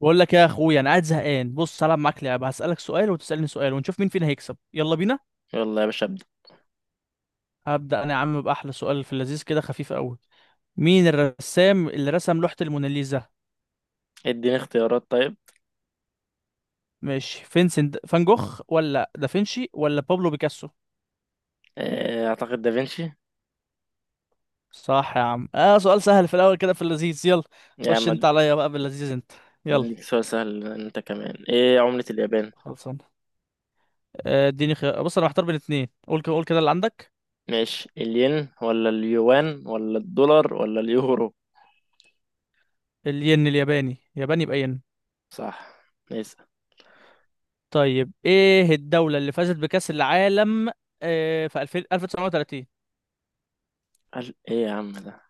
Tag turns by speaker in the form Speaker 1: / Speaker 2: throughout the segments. Speaker 1: بقول لك يا اخويا، انا قاعد زهقان. بص هلعب معاك لعبه. هسالك سؤال وتسالني سؤال ونشوف مين فينا هيكسب. يلا بينا.
Speaker 2: يلا يا باشا، ابدأ.
Speaker 1: هبدا انا يا عم باحلى سؤال في اللذيذ كده خفيف قوي. مين الرسام اللي رسم لوحه الموناليزا؟
Speaker 2: اديني اختيارات. طيب،
Speaker 1: ماشي، فينسنت فان جوخ ولا دافنشي ولا بابلو بيكاسو؟
Speaker 2: اعتقد دافنشي.
Speaker 1: صح يا عم. اه سؤال سهل في الاول كده في اللذيذ. يلا.
Speaker 2: يا
Speaker 1: خش انت
Speaker 2: عم،
Speaker 1: عليا بقى باللذيذ انت. يلا.
Speaker 2: اديك سؤال سهل انت كمان. ايه عملة اليابان؟
Speaker 1: خلصان. اديني خيار. بص انا محتار بين اتنين. قول كده قول كده اللي عندك.
Speaker 2: ماشي، الين ولا اليوان ولا الدولار ولا اليورو؟
Speaker 1: الين الياباني ياباني يبقى ين.
Speaker 2: صح. نسأل.
Speaker 1: طيب، ايه الدولة اللي فازت بكأس العالم في 2000 1930؟
Speaker 2: قال ايه يا عم ده؟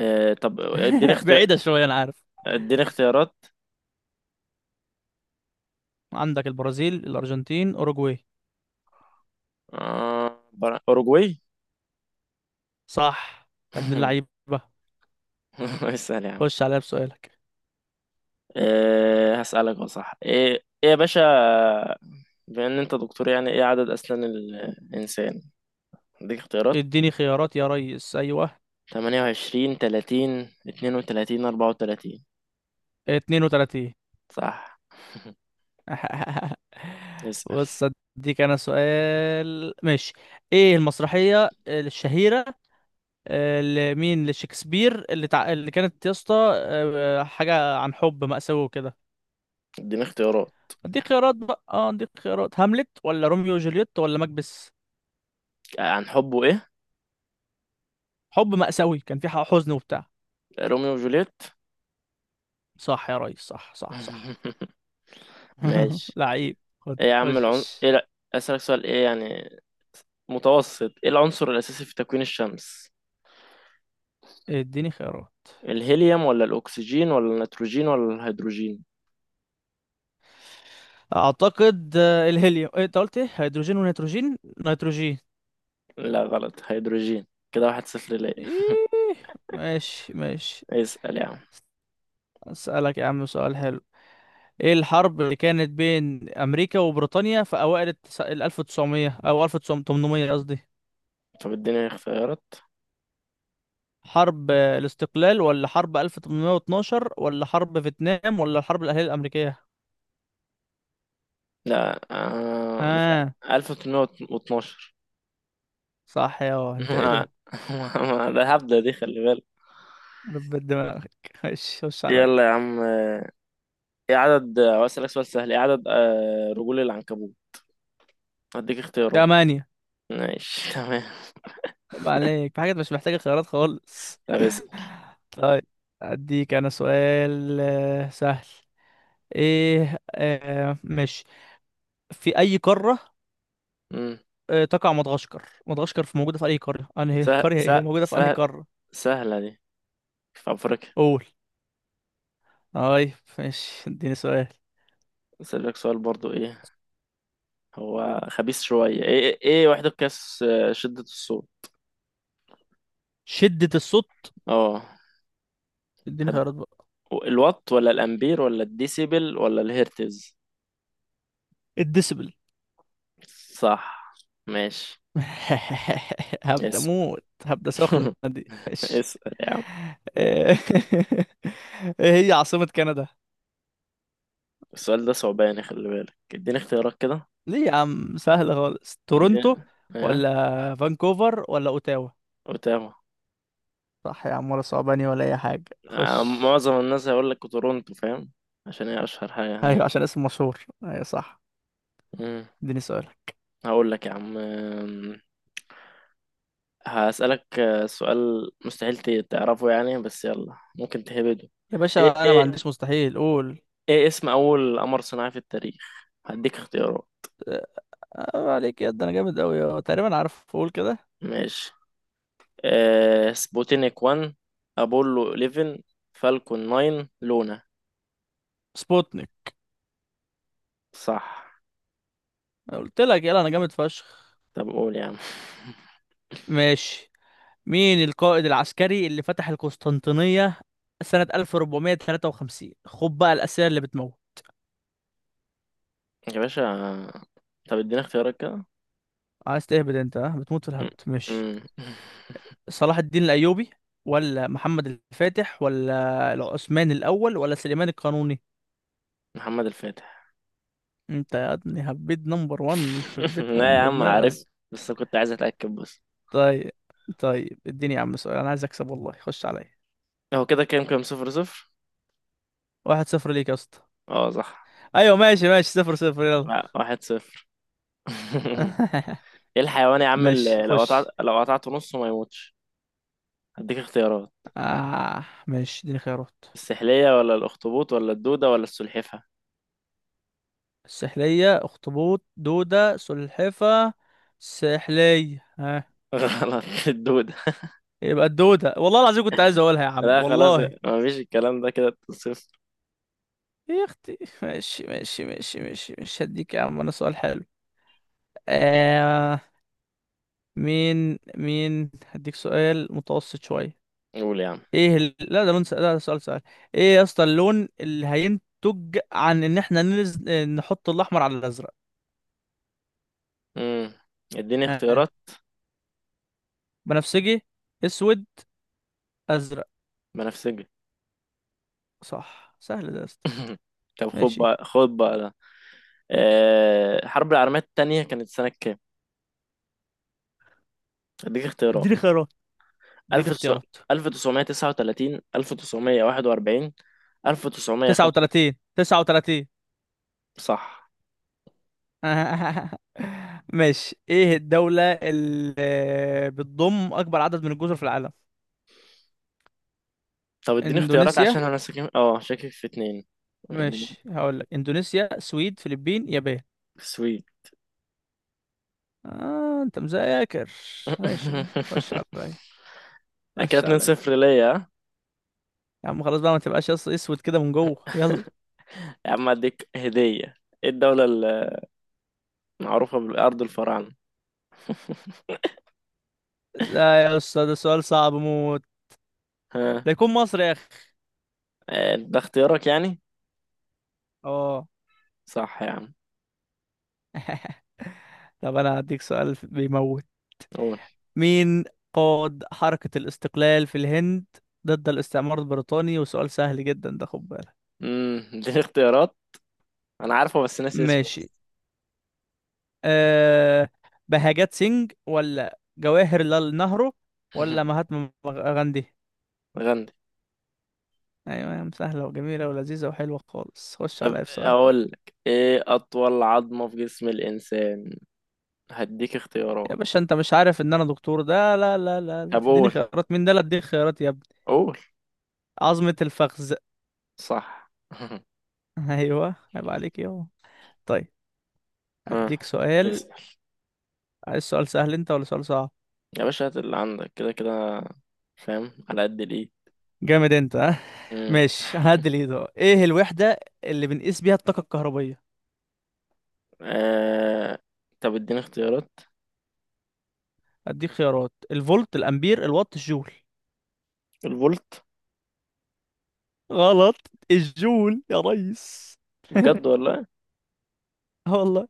Speaker 2: إيه؟ طب اديني اختيار.
Speaker 1: بعيدة شوية انا عارف.
Speaker 2: اديني اختيارات.
Speaker 1: عندك البرازيل، الارجنتين، اوروجواي.
Speaker 2: اوروجواي.
Speaker 1: صح. يا ابن اللعيبة.
Speaker 2: اسأل يا عم.
Speaker 1: خش عليا بسؤالك.
Speaker 2: إيه هسألك؟ هو صح؟ ايه يا باشا، بما ان انت دكتور، يعني ايه عدد اسنان الانسان؟ اديك اختيارات:
Speaker 1: اديني خيارات يا ريس، ايوه.
Speaker 2: تمانية وعشرين، تلاتين، اتنين وتلاتين، أربعة وتلاتين.
Speaker 1: 32.
Speaker 2: صح. اسأل.
Speaker 1: بص. اديك انا سؤال ماشي. ايه المسرحية الشهيرة لمين لشكسبير اللي اللي كانت يا اسطى، حاجة عن حب مأساوي وكده؟
Speaker 2: اديني اختيارات.
Speaker 1: دي خيارات بقى، اه دي خيارات: هاملت ولا روميو وجولييت ولا مكبس؟
Speaker 2: عن حبه ايه؟
Speaker 1: حب مأساوي، كان في حزن وبتاع.
Speaker 2: روميو وجوليت.
Speaker 1: صح يا ريس، صح صح صح.
Speaker 2: ماشي.
Speaker 1: لعيب. خد
Speaker 2: ايه يا عم العن...
Speaker 1: خش.
Speaker 2: ايه، لا. اسألك سؤال. ايه يعني متوسط، ايه العنصر الأساسي في تكوين الشمس؟
Speaker 1: اديني خيارات.
Speaker 2: الهيليوم ولا الأكسجين ولا النيتروجين ولا الهيدروجين؟
Speaker 1: اعتقد الهيليوم. إيه، انت قلت ايه؟ هيدروجين ونيتروجين. نيتروجين.
Speaker 2: لا، غلط، هيدروجين. كده واحد صفر ليا.
Speaker 1: ايه. ماشي ماشي.
Speaker 2: اسأل يا عم.
Speaker 1: اسألك يا عم سؤال حلو. ايه الحرب اللي كانت بين امريكا وبريطانيا في اوائل ال 1900 او 1800 قصدي؟
Speaker 2: طب اديني اختيارات.
Speaker 1: حرب الاستقلال ولا حرب 1812 ولا حرب فيتنام ولا الحرب الأهلية الأمريكية؟
Speaker 2: لا، مش عارف،
Speaker 1: ها.
Speaker 2: 1812.
Speaker 1: صح. يا انت ايه
Speaker 2: ما
Speaker 1: ده.
Speaker 2: ده هبدة دي، خلي بالك.
Speaker 1: ربت دماغك. خش خش عليا.
Speaker 2: يلا يا عم. ايه عدد اسألك سؤال سهل: ايه عدد رجول العنكبوت؟ هديك اختيارات.
Speaker 1: تمانية.
Speaker 2: ماشي. تمام.
Speaker 1: عيب عليك، في حاجات مش محتاجة خيارات خالص.
Speaker 2: طب اسأل.
Speaker 1: طيب. أديك أنا سؤال سهل. إيه ماشي. في أي قارة
Speaker 2: مم.
Speaker 1: تقع مدغشقر؟ مدغشقر في موجودة في أي قارة أنهي
Speaker 2: سهل
Speaker 1: قرية إيه
Speaker 2: سهل
Speaker 1: موجودة في أنهي
Speaker 2: سهل،
Speaker 1: قارة؟
Speaker 2: سهلة دي. في أفريقيا.
Speaker 1: قول. طيب. ماشي، اديني سؤال.
Speaker 2: أسألك سؤال برضو. ايه، هو خبيث شوية. ايه وحدة قياس شدة الصوت؟
Speaker 1: شدة الصوت.
Speaker 2: اه.
Speaker 1: اديني
Speaker 2: حد-
Speaker 1: خيارات بقى.
Speaker 2: الوات ولا الأمبير ولا الديسيبل ولا الهرتز؟
Speaker 1: الديسبل.
Speaker 2: صح. ماشي.
Speaker 1: هبدأ
Speaker 2: اسأل.
Speaker 1: موت. هبدأ سخنة دي إيش.
Speaker 2: اسأل يا عم.
Speaker 1: ايه. هي عاصمة كندا؟
Speaker 2: السؤال ده صعباني، خلي بالك. اديني اختيارات كده.
Speaker 1: ليه يا عم، سهلة خالص. تورونتو
Speaker 2: اديني- ايه،
Speaker 1: ولا فانكوفر ولا اوتاوا؟
Speaker 2: اوتاوا.
Speaker 1: صح يا عم، ولا صعباني ولا اي حاجة. خش.
Speaker 2: معظم الناس هيقول لك تورونتو، فاهم؟ عشان هي اشهر حاجة
Speaker 1: ايوه
Speaker 2: هناك.
Speaker 1: عشان اسم مشهور، ايوه صح.
Speaker 2: مم.
Speaker 1: اديني سؤالك.
Speaker 2: هقول لك يا عم. هسألك سؤال مستحيل تعرفه يعني، بس يلا ممكن تهبده.
Speaker 1: يا
Speaker 2: ايه
Speaker 1: باشا انا ما
Speaker 2: ايه
Speaker 1: عنديش مستحيل، قول.
Speaker 2: ايه اسم اول قمر صناعي في التاريخ؟ هديك اختيارات.
Speaker 1: آه عليك يا ده، انا جامد قوي تقريبا عارف. قول كده.
Speaker 2: ماشي. آه، سبوتينيك 1، ابولو 11، فالكون 9، لونا.
Speaker 1: سبوتنيك.
Speaker 2: صح.
Speaker 1: قلت لك يلا، انا جامد فشخ.
Speaker 2: طب قول يا عم.
Speaker 1: ماشي. مين القائد العسكري اللي فتح القسطنطينية سنة 1453؟ خد بقى الأسئلة اللي بتموت.
Speaker 2: يا باشا. طب ادينا اختيارات كده.
Speaker 1: عايز تهبد انت، ها بتموت في
Speaker 2: م-
Speaker 1: الهبد. ماشي.
Speaker 2: م-
Speaker 1: صلاح الدين الأيوبي ولا محمد الفاتح ولا العثمان الأول ولا سليمان القانوني؟
Speaker 2: محمد الفاتح.
Speaker 1: انت يا ابني هبيت نمبر 1. يخرب بيت
Speaker 2: لا يا
Speaker 1: أم
Speaker 2: عم،
Speaker 1: دماغك.
Speaker 2: عارف، بس كنت عايز اتاكد بس.
Speaker 1: طيب طيب، اديني يا عم سؤال، انا عايز اكسب والله. خش عليا.
Speaker 2: هو كده كام؟ كام، صفر صفر؟
Speaker 1: 1-0 ليك يا اسطى.
Speaker 2: اه، صح،
Speaker 1: ايوه ماشي ماشي 0-0 يلا.
Speaker 2: لا، واحد صفر. ايه الحيوان يا عم
Speaker 1: ماشي
Speaker 2: اللي لو قطعت،
Speaker 1: خش.
Speaker 2: لو قطعته نصه ما يموتش؟ هديك اختيارات:
Speaker 1: آه ماشي، اديني خيارات.
Speaker 2: السحلية ولا الاخطبوط ولا الدودة ولا السلحفة.
Speaker 1: السحلية، اخطبوط، دودة، سلحفة. سحلية. ها.
Speaker 2: غلط، الدودة.
Speaker 1: يبقى الدودة، والله العظيم كنت عايز اقولها يا عم
Speaker 2: لا خلاص،
Speaker 1: والله.
Speaker 2: ما فيش الكلام ده، كده صفر.
Speaker 1: يا اختي ماشي ماشي ماشي ماشي، مش هديك يا عم انا سؤال حلو. آه. مين هديك سؤال متوسط شوية.
Speaker 2: قول يا عم.
Speaker 1: ايه لا ده لا ده سؤال سؤال. ايه يا اسطى، اللون اللي هينتج عن ان احنا نحط الاحمر على الازرق؟
Speaker 2: امم. اديني
Speaker 1: ها.
Speaker 2: اختيارات.
Speaker 1: بنفسجي، اسود، ازرق.
Speaker 2: بنفسجي.
Speaker 1: صح، سهل ده يا اسطى.
Speaker 2: طب خد
Speaker 1: ماشي.
Speaker 2: بقى، خد بقى ده. الحرب العالمية التانية كانت سنة كام؟ أديك اختيارات:
Speaker 1: اديني خيارات. دي الاختيارات.
Speaker 2: 1939، 1941، 1905.
Speaker 1: 39 39.
Speaker 2: صح.
Speaker 1: ماشي. ايه الدولة اللي بتضم اكبر عدد من الجزر في العالم؟
Speaker 2: طب اديني اختيارات
Speaker 1: اندونيسيا.
Speaker 2: عشان أنا ساكن، اه، شاكك في اتنين. اديني-
Speaker 1: ماشي هقول لك: اندونيسيا، سويد، فلبين، يابان.
Speaker 2: سويت.
Speaker 1: آه انت مذاكر. ماشي خش عليا.
Speaker 2: كده
Speaker 1: خش عليا.
Speaker 2: 2-0 ليا، ها؟
Speaker 1: يا عم خلاص بقى، ما تبقاش اسود كده من جوه. يلا.
Speaker 2: يا عم، أديك هدية. ايه الدولة المعروفة بالأرض الفراعنة؟
Speaker 1: لا يا استاذ، ده سؤال صعب موت.
Speaker 2: ها؟
Speaker 1: ده يكون مصر يا اخي.
Speaker 2: ده اختيارك يعني؟
Speaker 1: اه.
Speaker 2: صح يا عم.
Speaker 1: طب انا هديك سؤال بيموت.
Speaker 2: قول.
Speaker 1: مين قاد حركة الاستقلال في الهند ضد الاستعمار البريطاني؟ وسؤال سهل جدا ده، خد بالك.
Speaker 2: امم. اديني اختيارات. انا عارفه بس ناسي اسمه.
Speaker 1: ماشي. أه. بهاجات سينج ولا جواهر لال نهرو ولا مهاتما غاندي؟
Speaker 2: غندي.
Speaker 1: ايوه يا عم، سهلة وجميلة ولذيذة وحلوة خالص. خش
Speaker 2: طب
Speaker 1: عليا في سؤال.
Speaker 2: اقول لك، ايه اطول عظمة في جسم الانسان؟ هديك
Speaker 1: يا
Speaker 2: اختيارات.
Speaker 1: باشا انت مش عارف ان انا دكتور ده؟ لا لا لا لا،
Speaker 2: طب
Speaker 1: تديني
Speaker 2: قول،
Speaker 1: خيارات؟ مين ده؟ لا، اديك خيارات يا ابني.
Speaker 2: قول.
Speaker 1: عظمة الفخذ.
Speaker 2: صح.
Speaker 1: ايوه، عيب عليك يا. طيب.
Speaker 2: ها.
Speaker 1: اديك سؤال.
Speaker 2: اسأل
Speaker 1: عايز سؤال سهل انت ولا سؤال صعب؟
Speaker 2: يا باشا، هات اللي عندك. كده كده فاهم على قد الايه.
Speaker 1: جامد انت ها.
Speaker 2: مم.
Speaker 1: ماشي هعدل ايده. ايه الوحدة اللي بنقيس بيها الطاقة الكهربية؟
Speaker 2: آه... طب اديني اختيارات.
Speaker 1: اديك خيارات: الفولت، الامبير، الوات، الجول.
Speaker 2: الفولت.
Speaker 1: غلط. الجول يا ريس.
Speaker 2: بجد ولا؟
Speaker 1: اه والله.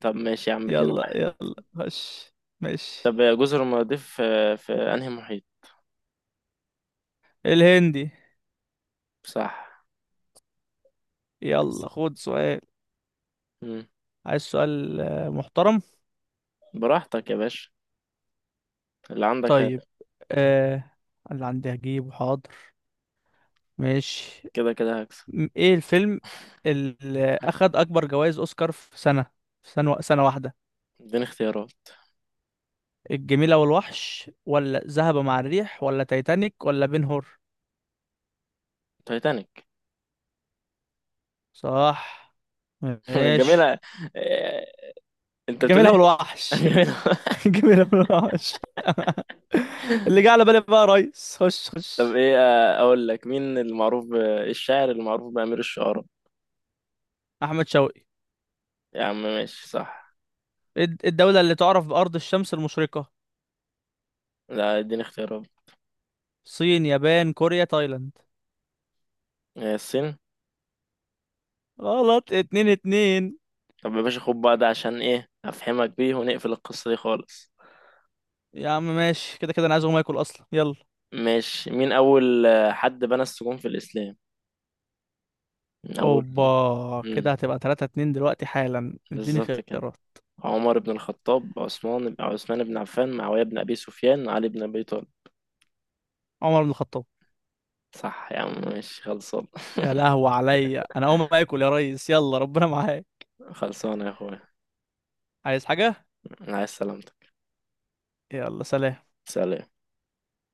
Speaker 2: طب ماشي يا عم، اتنين
Speaker 1: يلا
Speaker 2: واحد.
Speaker 1: يلا خش. ماشي.
Speaker 2: طب جزر المالديف في انهي محيط؟
Speaker 1: الهندي.
Speaker 2: صح.
Speaker 1: يلا خد سؤال.
Speaker 2: مم.
Speaker 1: عايز سؤال محترم.
Speaker 2: براحتك يا باشا، اللي عندك هات.
Speaker 1: طيب، آه اللي عندي هجيبه حاضر. ماشي.
Speaker 2: كده كده هكسب.
Speaker 1: ايه الفيلم اللي اخد اكبر جوائز اوسكار في سنة واحدة؟
Speaker 2: اديني اختيارات.
Speaker 1: الجميلة والوحش ولا ذهب مع الريح ولا تايتانيك ولا بن هور؟
Speaker 2: تايتانيك.
Speaker 1: صح. ماشي.
Speaker 2: جميلة. إيه، انت بتقول ايه؟
Speaker 1: الجميلة والوحش.
Speaker 2: جميلة.
Speaker 1: الجميلة والوحش. اللي جه على بالي بقى يا ريس. خش
Speaker 2: طب
Speaker 1: خش.
Speaker 2: ايه، اقول لك مين المعروف إيه، الشاعر المعروف بأمير الشعراء؟
Speaker 1: أحمد شوقي.
Speaker 2: يا عم ماشي، صح.
Speaker 1: الدولة اللي تعرف بأرض الشمس المشرقة؟
Speaker 2: لا، اديني اختيارات.
Speaker 1: الصين، يابان، كوريا، تايلاند.
Speaker 2: إيه، الصين.
Speaker 1: غلط. 2-2.
Speaker 2: طب يا باشا، خد بقى ده عشان ايه افهمك بيه ونقفل القصة دي خالص.
Speaker 1: يا عم ماشي كده كده، أنا عايز أقوم آكل أصلا، يلا.
Speaker 2: ماشي. مين اول حد بنى السجون في الاسلام؟ اول.
Speaker 1: أوبا،
Speaker 2: مم.
Speaker 1: كده هتبقى 3-2 دلوقتي حالا. اديني
Speaker 2: بالظبط كده:
Speaker 1: خيارات.
Speaker 2: عمر بن الخطاب، عثمان بن عفان، معاوية بن ابي سفيان، علي بن ابي طالب.
Speaker 1: عمر بن الخطاب.
Speaker 2: صح يا عم، ماشي، خلصان.
Speaker 1: يا لهوي عليا، انا اقوم اكل يا ريس، يلا ربنا معاك.
Speaker 2: خلصانة يا اخويا.
Speaker 1: عايز حاجة.
Speaker 2: عايز سلامتك.
Speaker 1: يلا، سلام.
Speaker 2: سلام.